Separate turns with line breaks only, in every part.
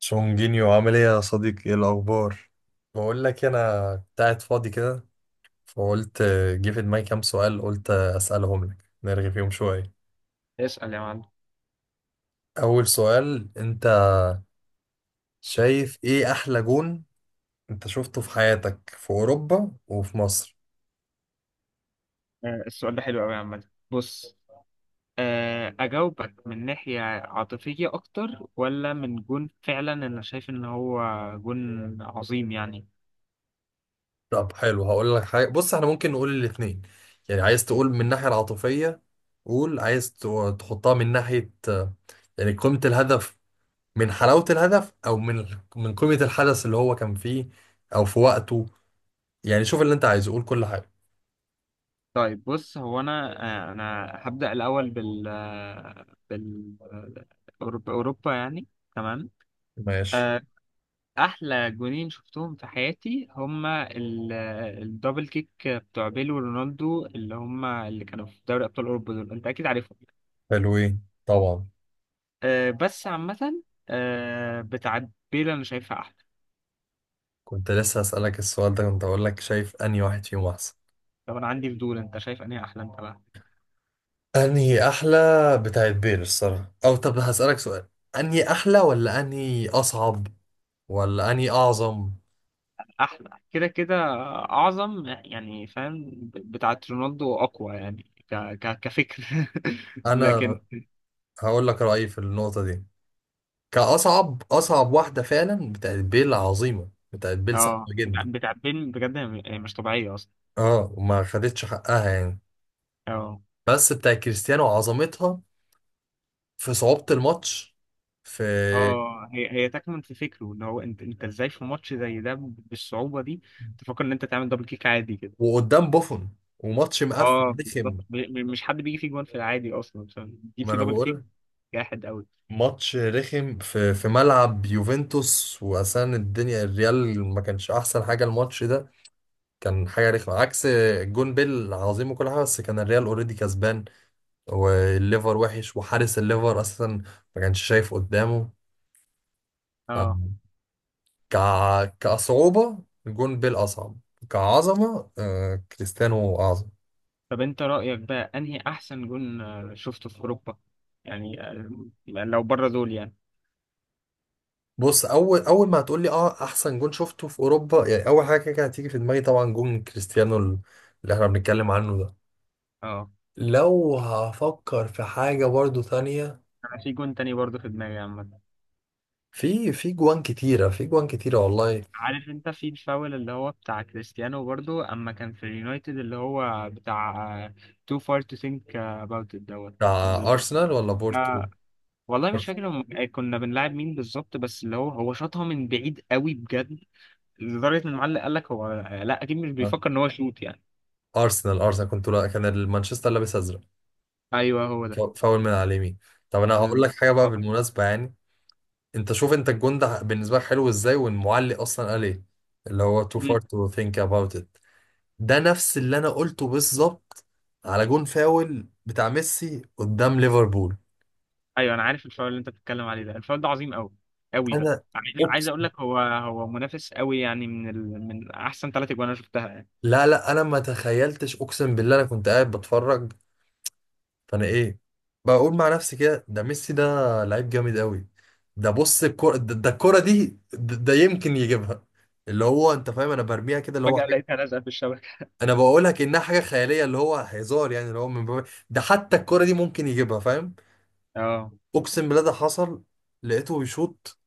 شونجينيو، عامل ايه يا صديقي؟ ايه الاخبار؟ بقول لك انا كنت قاعد فاضي كده. فقلت جه في دماغي كام سؤال. قلت اسالهم لك. نرغي فيهم شويه.
اسأل يا معلم.
اول سؤال، انت شايف ايه احلى جون انت شفته في حياتك في اوروبا وفي مصر؟
السؤال ده حلو قوي يا عم. بص. أجاوبك من ناحية عاطفية أكتر ولا من جون فعلا؟ أنا شايف إن هو جون عظيم يعني.
طب حلو، هقول لك حاجه. بص، احنا ممكن نقول الاثنين. يعني عايز تقول من الناحيه العاطفيه، قول. تحطها من ناحيه يعني قيمه الهدف، من حلاوة الهدف، أو من من قيمة الحدث اللي هو كان فيه أو في وقته. يعني شوف اللي أنت عايزه، قول كل حاجة.
طيب بص هو أنا، أنا هبدأ الأول بال أوروبا يعني. تمام.
ماشي.
آه، أحلى جونين شفتهم في حياتي هما الدبل كيك بتوع بيلو ورونالدو، اللي هما اللي كانوا في دوري أبطال أوروبا. دول أنت أكيد عارفهم.
حلوين طبعا.
بس عامة، بتاعت بيلا أنا شايفها أحلى.
كنت لسه هسألك السؤال ده، كنت أقول لك شايف أنهي واحد فيهم أحسن؟
طب أنا عندي فضول، أنت شايف أنهي أحلى أنت بقى؟
أنهي أحلى؟ بتاعت بير الصراحة. أو طب هسألك سؤال، أنهي أحلى ولا أنهي أصعب ولا أنهي أعظم؟
أحلى كده كده. أعظم يعني، فاهم؟ بتاعت رونالدو أقوى يعني. كفكر
أنا
لكن.
هقول لك رأيي في النقطة دي. كأصعب، أصعب واحدة فعلا بتاعت بيل. عظيمة بتاعت بيل، صعبة
اه، بتاع
جدا.
بتاع بيل بجد، هي هي مش طبيعية أصلا.
اه، وما خدتش حقها يعني.
اه،
بس بتاع كريستيانو عظمتها في صعوبة الماتش، في،
اه هي هي تكمن في فكره ان هو انت ازاي في ماتش زي ده بالصعوبة دي تفكر ان انت تعمل دبل كيك عادي كده.
وقدام بوفون وماتش مقفل
اه، بالظبط.
رخم.
مش حد بيجي فيه جوان في العادي اصلا، فاهم؟ بيجي
ما
فيه
انا
دبل كيك.
بقول،
جاحد قوي.
ماتش رخم في في ملعب يوفنتوس، واساسا الدنيا الريال ما كانش احسن حاجة. الماتش ده كان حاجة رخمة عكس. جون بيل عظيم وكل حاجة، بس كان الريال اوريدي كسبان، والليفر وحش، وحارس الليفر اصلا ما كانش شايف قدامه.
اه.
ك... كصعوبة، الجون بيل أصعب. كعظمة كريستيانو أعظم.
طب انت رأيك بقى انهي احسن جون شفته في اوروبا يعني، لو بره دول يعني؟
بص، أول ما هتقولي أه أحسن جون شفته في أوروبا، يعني أول حاجة كده هتيجي في دماغي طبعا جون كريستيانو اللي إحنا بنتكلم عنه ده.
اه،
لو هفكر في حاجة برضو تانية،
انا في جون تاني برضه في دماغي عامة.
في جوان كتيرة، في جوان كتيرة والله.
عارف انت في الفاول اللي هو بتاع كريستيانو برضه اما كان في اليونايتد، اللي هو بتاع too far to think about it دوت.
بتاع
اللي-
أرسنال ولا بورتو؟
آه، والله مش
بورتو.
فاكر كنا بنلعب مين بالظبط، بس اللي هو شاطها من بعيد قوي بجد، لدرجة ان المعلق قال لك هو لا اكيد مش
آه.
بيفكر ان هو يشوط يعني.
أرسنال، أرسنال. كنت، لا كان المانشستر لابس أزرق.
ايوه هو ده.
فاول من على اليمين. طب أنا
ده-
هقول
ده-
لك حاجة بقى بالمناسبة يعني. انت شوف انت الجون ده بالنسبه لك حلو ازاي، والمعلق اصلا قال ايه؟ اللي هو too far to think about it. ده نفس اللي انا قلته بالظبط على جون فاول بتاع ميسي قدام ليفربول.
ايوه انا عارف الفاول اللي انت بتتكلم عليه، ده الفاول ده عظيم قوي قوي بقى.
انا
عايز
اقسم،
اقول لك، هو منافس قوي يعني، من من احسن ثلاث اجوان انا شفتها يعني.
لا لا، انا ما تخيلتش، اقسم بالله. انا كنت قاعد بتفرج، فانا ايه، بقول مع نفسي كده، ده ميسي ده لعيب جامد قوي. ده بص الكرة ده، ده الكرة دي، ده، ده يمكن يجيبها. اللي هو انت فاهم انا برميها كده اللي هو،
فجأة لقيتها لازقة في الشبكة.
انا بقولها كانها حاجه خياليه، اللي هو هزار يعني، اللي هو من باب ده حتى الكره دي ممكن يجيبها، فاهم؟
اه،
اقسم بالله ده حصل. لقيته بيشوط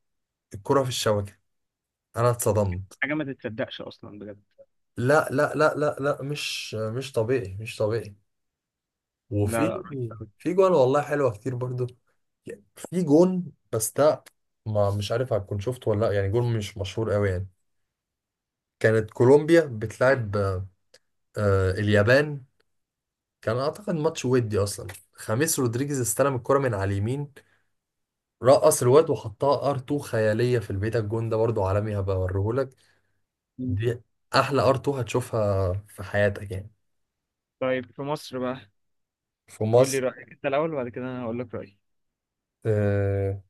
الكره في الشبكه. انا اتصدمت.
حاجة ما تتصدقش اصلا بجد.
لا لا لا لا لا، مش مش طبيعي، مش طبيعي.
لا
وفي،
لا، رهيب قوي.
في جون والله حلوه كتير برضو. في جون بس ده، ما مش عارف هتكون شفته ولا لا، يعني جون مش مشهور قوي يعني. كانت كولومبيا بتلعب اليابان. كان اعتقد ماتش ودي اصلا. خميس رودريجيز استلم الكرة من على اليمين، رقص الواد وحطها ار 2 خياليه في البيت. الجون ده برضو عالمي، هبقى اوريهولك.
مم.
دي احلى ار 2 هتشوفها في حياتك يعني.
طيب في مصر بقى.
في
قول لي
مصر،
رأيك انت الاول وبعد كده انا هقول لك رأيي.
آه،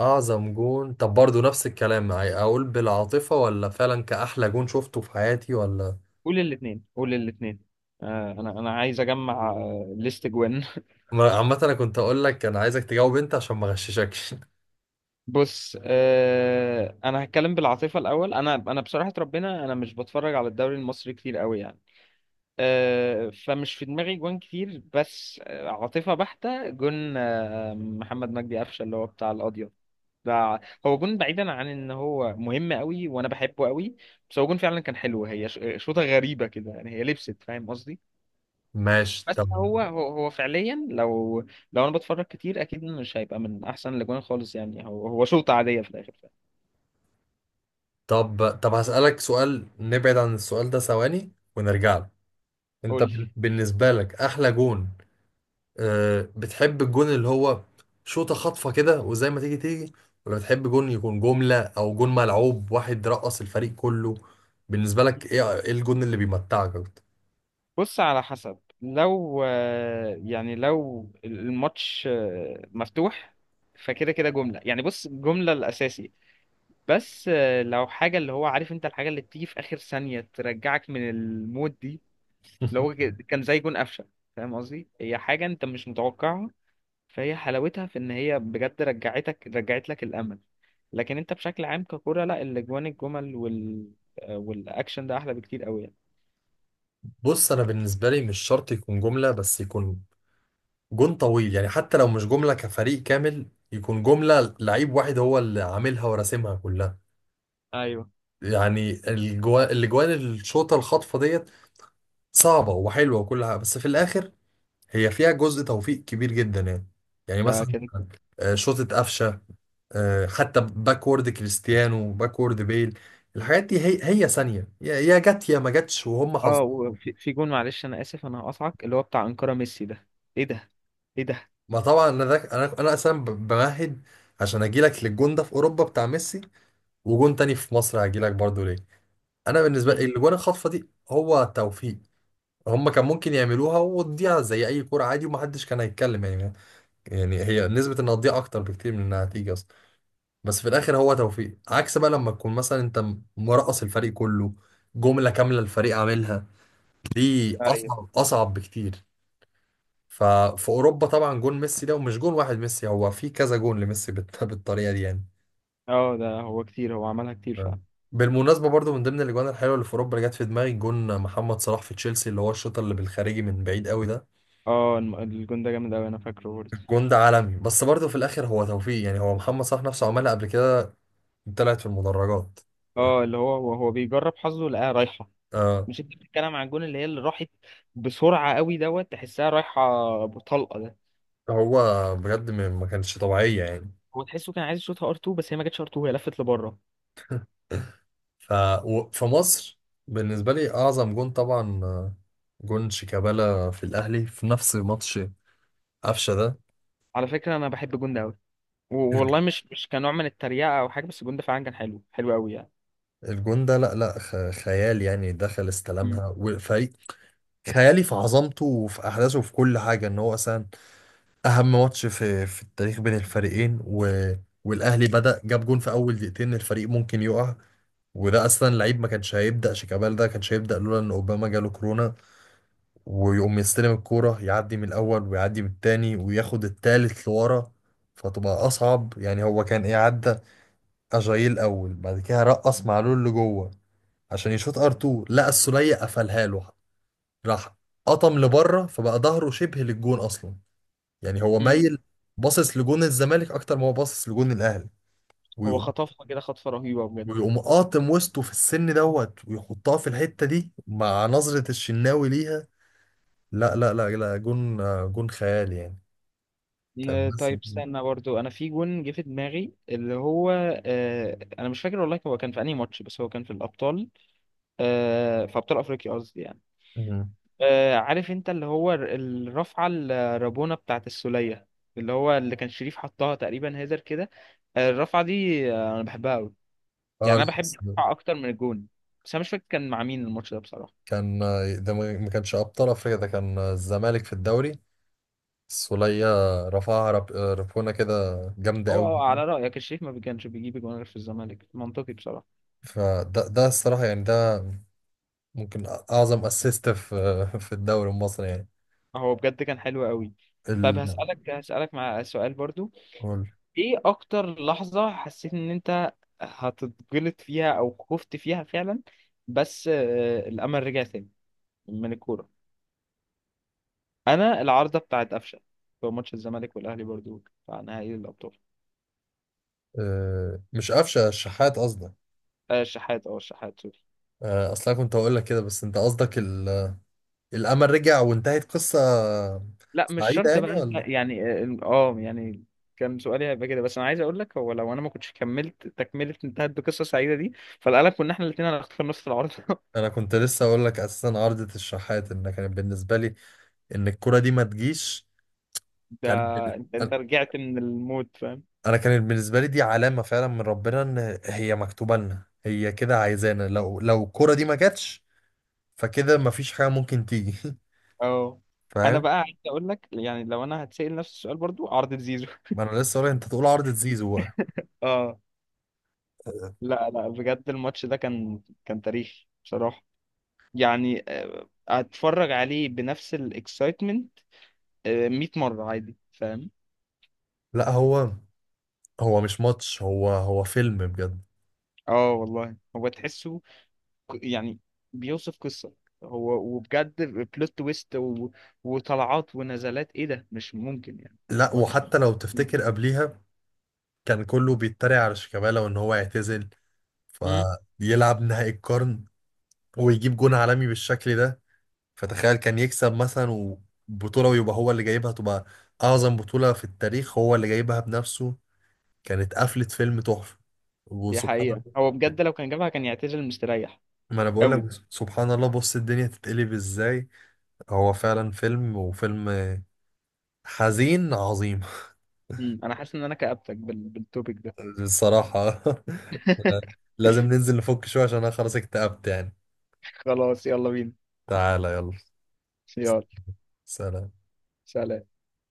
اعظم جون، طب برضو نفس الكلام يعني، اقول بالعاطفه ولا فعلا كاحلى جون شفته في حياتي ولا؟
قول الاثنين، قول الاثنين. انا عايز اجمع ليست جوان.
عامه انا كنت اقول لك انا عايزك تجاوب انت عشان ما اغششكش.
بص، انا هتكلم بالعاطفه الاول. انا بصراحه ربنا انا مش بتفرج على الدوري المصري كتير قوي يعني. فمش في دماغي جوان كتير، بس عاطفة بحتة، جون محمد مجدي قفشة، اللي هو بتاع القضية ده. هو جون بعيدا عن ان هو مهم قوي وانا بحبه قوي، بس هو جون فعلا كان حلو. هي شوطة غريبة كده يعني، هي لبست، فاهم قصدي؟
ماشي.
بس
طب
هو فعليا لو، لو انا بتفرج كتير اكيد مش هيبقى من احسن الاجوان خالص يعني. هو شوطة عادية في الاخر، فاهم؟
طب هسالك سؤال، نبعد عن السؤال ده ثواني ونرجع له. انت
قول لي.
بالنسبه لك احلى جون، بتحب الجون اللي هو شوطة خاطفة كده وزي ما تيجي تيجي، ولا بتحب جون يكون جملة، أو جون ملعوب واحد رقص الفريق كله؟ بالنسبة لك إيه، إيه الجون اللي بيمتعك أكتر؟
بص، على حسب، لو يعني لو الماتش مفتوح فكده كده جملة يعني. بص، جملة الأساسي. بس لو حاجة اللي هو، عارف انت الحاجة اللي بتيجي في آخر ثانية ترجعك من المود دي؟ اللي هو كان زي جون قفشة، فاهم قصدي؟ هي حاجة انت مش متوقعها، فهي حلاوتها في ان هي بجد رجعتك، رجعت لك الأمل. لكن انت بشكل عام ككرة، لا، الاجوان الجمل والاكشن ده احلى بكتير قوي يعني.
بص، أنا بالنسبة لي مش شرط يكون جملة، بس يكون جون طويل يعني. حتى لو مش جملة كفريق كامل، يكون جملة لعيب واحد هو اللي عاملها وراسمها كلها.
ايوه
يعني الجوان الشوطة الخاطفة ديت، صعبة وحلوة وكل حاجة، بس في الآخر هي فيها جزء توفيق كبير جدا يعني. يعني
ده
مثلا
كان.
شوطة قفشة، حتى باكورد كريستيانو، باكورد بيل، الحاجات دي هي هي ثانية، يا يا جت يا ما جتش، وهم حظ.
اه، وفي جون، معلش انا اسف انا هقطعك، اللي هو بتاع انكارا ميسي ده. ايه ده؟ ايه ده؟
ما طبعا انا ده انا انا بمهد عشان اجي لك للجون ده في اوروبا بتاع ميسي، وجون تاني في مصر هجي لك برضه ليه. انا بالنسبة لي
امم.
الجون الخطفة دي هو توفيق. هم كان ممكن يعملوها وتضيع زي اي كرة عادي ومحدش كان هيتكلم يعني. يعني هي نسبة انها تضيع اكتر بكتير من النتيجة. بس في الاخر هو توفيق، عكس بقى لما تكون مثلا انت مرقص الفريق كله، جملة كاملة الفريق عاملها. دي
ايوه.
اصعب، اصعب بكتير. ففي اوروبا طبعا جون ميسي ده، ومش جون واحد، ميسي هو في كذا جون لميسي بالطريقة دي يعني.
اه، ده هو كتير، هو عملها كتير
ف-
فعلا.
بالمناسبة برضو من ضمن الاجوان الحلوة اللي في اوروبا اللي جت في دماغي، جون محمد صلاح في تشيلسي، اللي هو الشوط اللي بالخارجي من بعيد قوي ده.
اه، الجون ده جامد قوي، انا فاكره برضه.
الجون ده عالمي، بس برضو في الاخر هو توفيق يعني، هو محمد صلاح نفسه عملها قبل كده طلعت في المدرجات.
اه، اللي هو بيجرب حظه لقاها رايحه.
آه،
مش انت بتتكلم عن الجون اللي هي اللي راحت بسرعه قوي دوت تحسها رايحه بطلقه ده؟
هو بجد ما، ما كانتش طبيعية يعني.
هو تحسه كان عايز يشوطها ار 2، بس هي ما جاتش ار 2، هي لفت لبره.
ففي مصر بالنسبة لي أعظم جون طبعا، جون شيكابالا في الأهلي في نفس ماتش قفشة ده.
على فكره انا بحب الجون ده قوي. والله مش كنوع من التريقه او حاجه، بس الجون ده فعلا كان حلو، حلو قوي يعني.
الجون ده لا لا، خيال يعني. دخل
مم.
استلمها وفريق خيالي في عظمته وفي أحداثه وفي كل حاجة. إن هو أصلا أهم ماتش في في التاريخ بين الفريقين، و... والأهلي بدأ جاب جون في أول دقيقتين، الفريق ممكن يقع. وده أصلا لعيب ما كانش هيبدأ، شيكابالا ده كانش هيبدأ لولا إن أوباما جاله كورونا. ويقوم يستلم الكورة، يعدي من الأول ويعدي من التاني وياخد التالت لورا، فتبقى أصعب. يعني هو كان إيه، عدى أجايل الأول، بعد كده رقص معلول لجوه عشان يشوط ار2، لقى السولية قفلها له، راح قطم لبره فبقى ظهره شبه للجون أصلا، يعني هو
مم.
مايل باصص لجون الزمالك أكتر ما هو باصص لجون الأهلي.
هو
ويقوم
خطفها كده خطفة رهيبة بجد.
ويقوم قاطم وسطه في السن دوت ويحطها في الحتة دي مع نظرة الشناوي ليها. لا لا لا لا، جون، جون خيالي يعني. كان
طيب
لسه.
استنى برضو، انا في جون جه في دماغي اللي هو، انا مش فاكر والله هو كان في انهي ماتش، بس هو كان في الابطال. في ابطال افريقيا قصدي يعني.
مم.
عارف انت اللي هو الرفعة الرابونة بتاعت السولية، اللي هو اللي كان شريف حطها تقريبا هيدر كده. الرفعة دي، انا بحبها قوي،
اه
يعني
لا
انا بحب
بس.
الرفعة اكتر من الجون. بس انا مش فاكر كان مع مين الماتش ده بصراحة.
كان ده ما، ما كانش ابطال افريقيا، ده كان الزمالك في الدوري. السولية رفعها رب... آه، ربونة كده جامدة
هو
قوي.
على رأيك الشريف ما كانش بيجيب جون غير في الزمالك، منطقي بصراحة.
فده، ده الصراحة يعني، ده ممكن اعظم اسيست في في الدوري المصري يعني.
هو بجد كان حلو قوي. طب
ال...
هسألك مع سؤال برضو.
قول.
ايه اكتر لحظة حسيت ان انت هتتجلط فيها او خفت فيها فعلا، بس الامل رجع تاني من الكورة؟ انا العارضة بتاعت قفشة في ماتش الزمالك والاهلي، برضو بتاع نهائي الابطال.
مش قفشة، الشحات قصدك.
الشحات، اه الشحات، سوري.
اصلا كنت هقول لك كده، بس انت قصدك الامل رجع وانتهت قصة
لا مش
سعيدة
شرط بقى
يعني
انت
ولا؟
يعني، اه، يعني كان سؤالي هيبقى كده، بس انا عايز اقول لك هو لو انا ما كنتش كملت تكمله انتهت بقصه سعيده دي، فالقلق كنا احنا الاثنين هنختار نص العرض
انا كنت لسه اقول لك اساسا عارضة الشحات ان كانت بالنسبة لي ان الكرة دي ما تجيش.
ده.
كانت
انت
انا،
انت رجعت من الموت، فاهم؟
أنا كانت بالنسبة لي دي علامة فعلا من ربنا ان هي مكتوبة لنا، هي كده عايزانا. لو لو الكرة دي ما جاتش، فكده ما فيش حاجة ممكن تيجي.
اه، انا
فاهم.
بقى عايز اقول لك يعني لو انا هتسأل نفس السؤال برضو، عرضة زيزو.
ما انا لسه اقول لك، انت تقول عارضة زيزو بقى.
اه. لا لا، بجد الماتش ده كان تاريخي بصراحة يعني. هتفرج عليه بنفس الاكسايتمنت 100 مرة عادي، فاهم؟
لا هو، هو مش ماتش، هو هو فيلم بجد.
اه والله، هو تحسه يعني بيوصف قصة. هو، وبجد بلوت تويست وطلعات ونزلات، ايه ده مش ممكن يعني.
لا
ماتش.
وحتى لو تفتكر قبليها كان كله بيتريق على شيكابالا وان هو يعتزل، فيلعب نهائي القرن ويجيب جون عالمي بالشكل ده. فتخيل كان يكسب مثلا وبطولة، ويبقى هو اللي جايبها، تبقى أعظم بطولة في التاريخ هو اللي جايبها بنفسه. كانت قفلة فيلم تحفة،
دي
وسبحان
حقيقة،
الله.
هو بجد لو كان جابها كان يعتزل مستريح
ما أنا بقول لك،
قوي.
سبحان الله، بص الدنيا تتقلب إزاي. هو فعلا فيلم، وفيلم حزين عظيم.
مم. انا حاسس ان انا كأبتك بالتوبيك ده.
الصراحة. لازم ننزل نفك شوية عشان أنا خلاص اكتئبت يعني.
خلاص يلا بينا.
تعالى يلا.
يلا.
سلام.
سلام.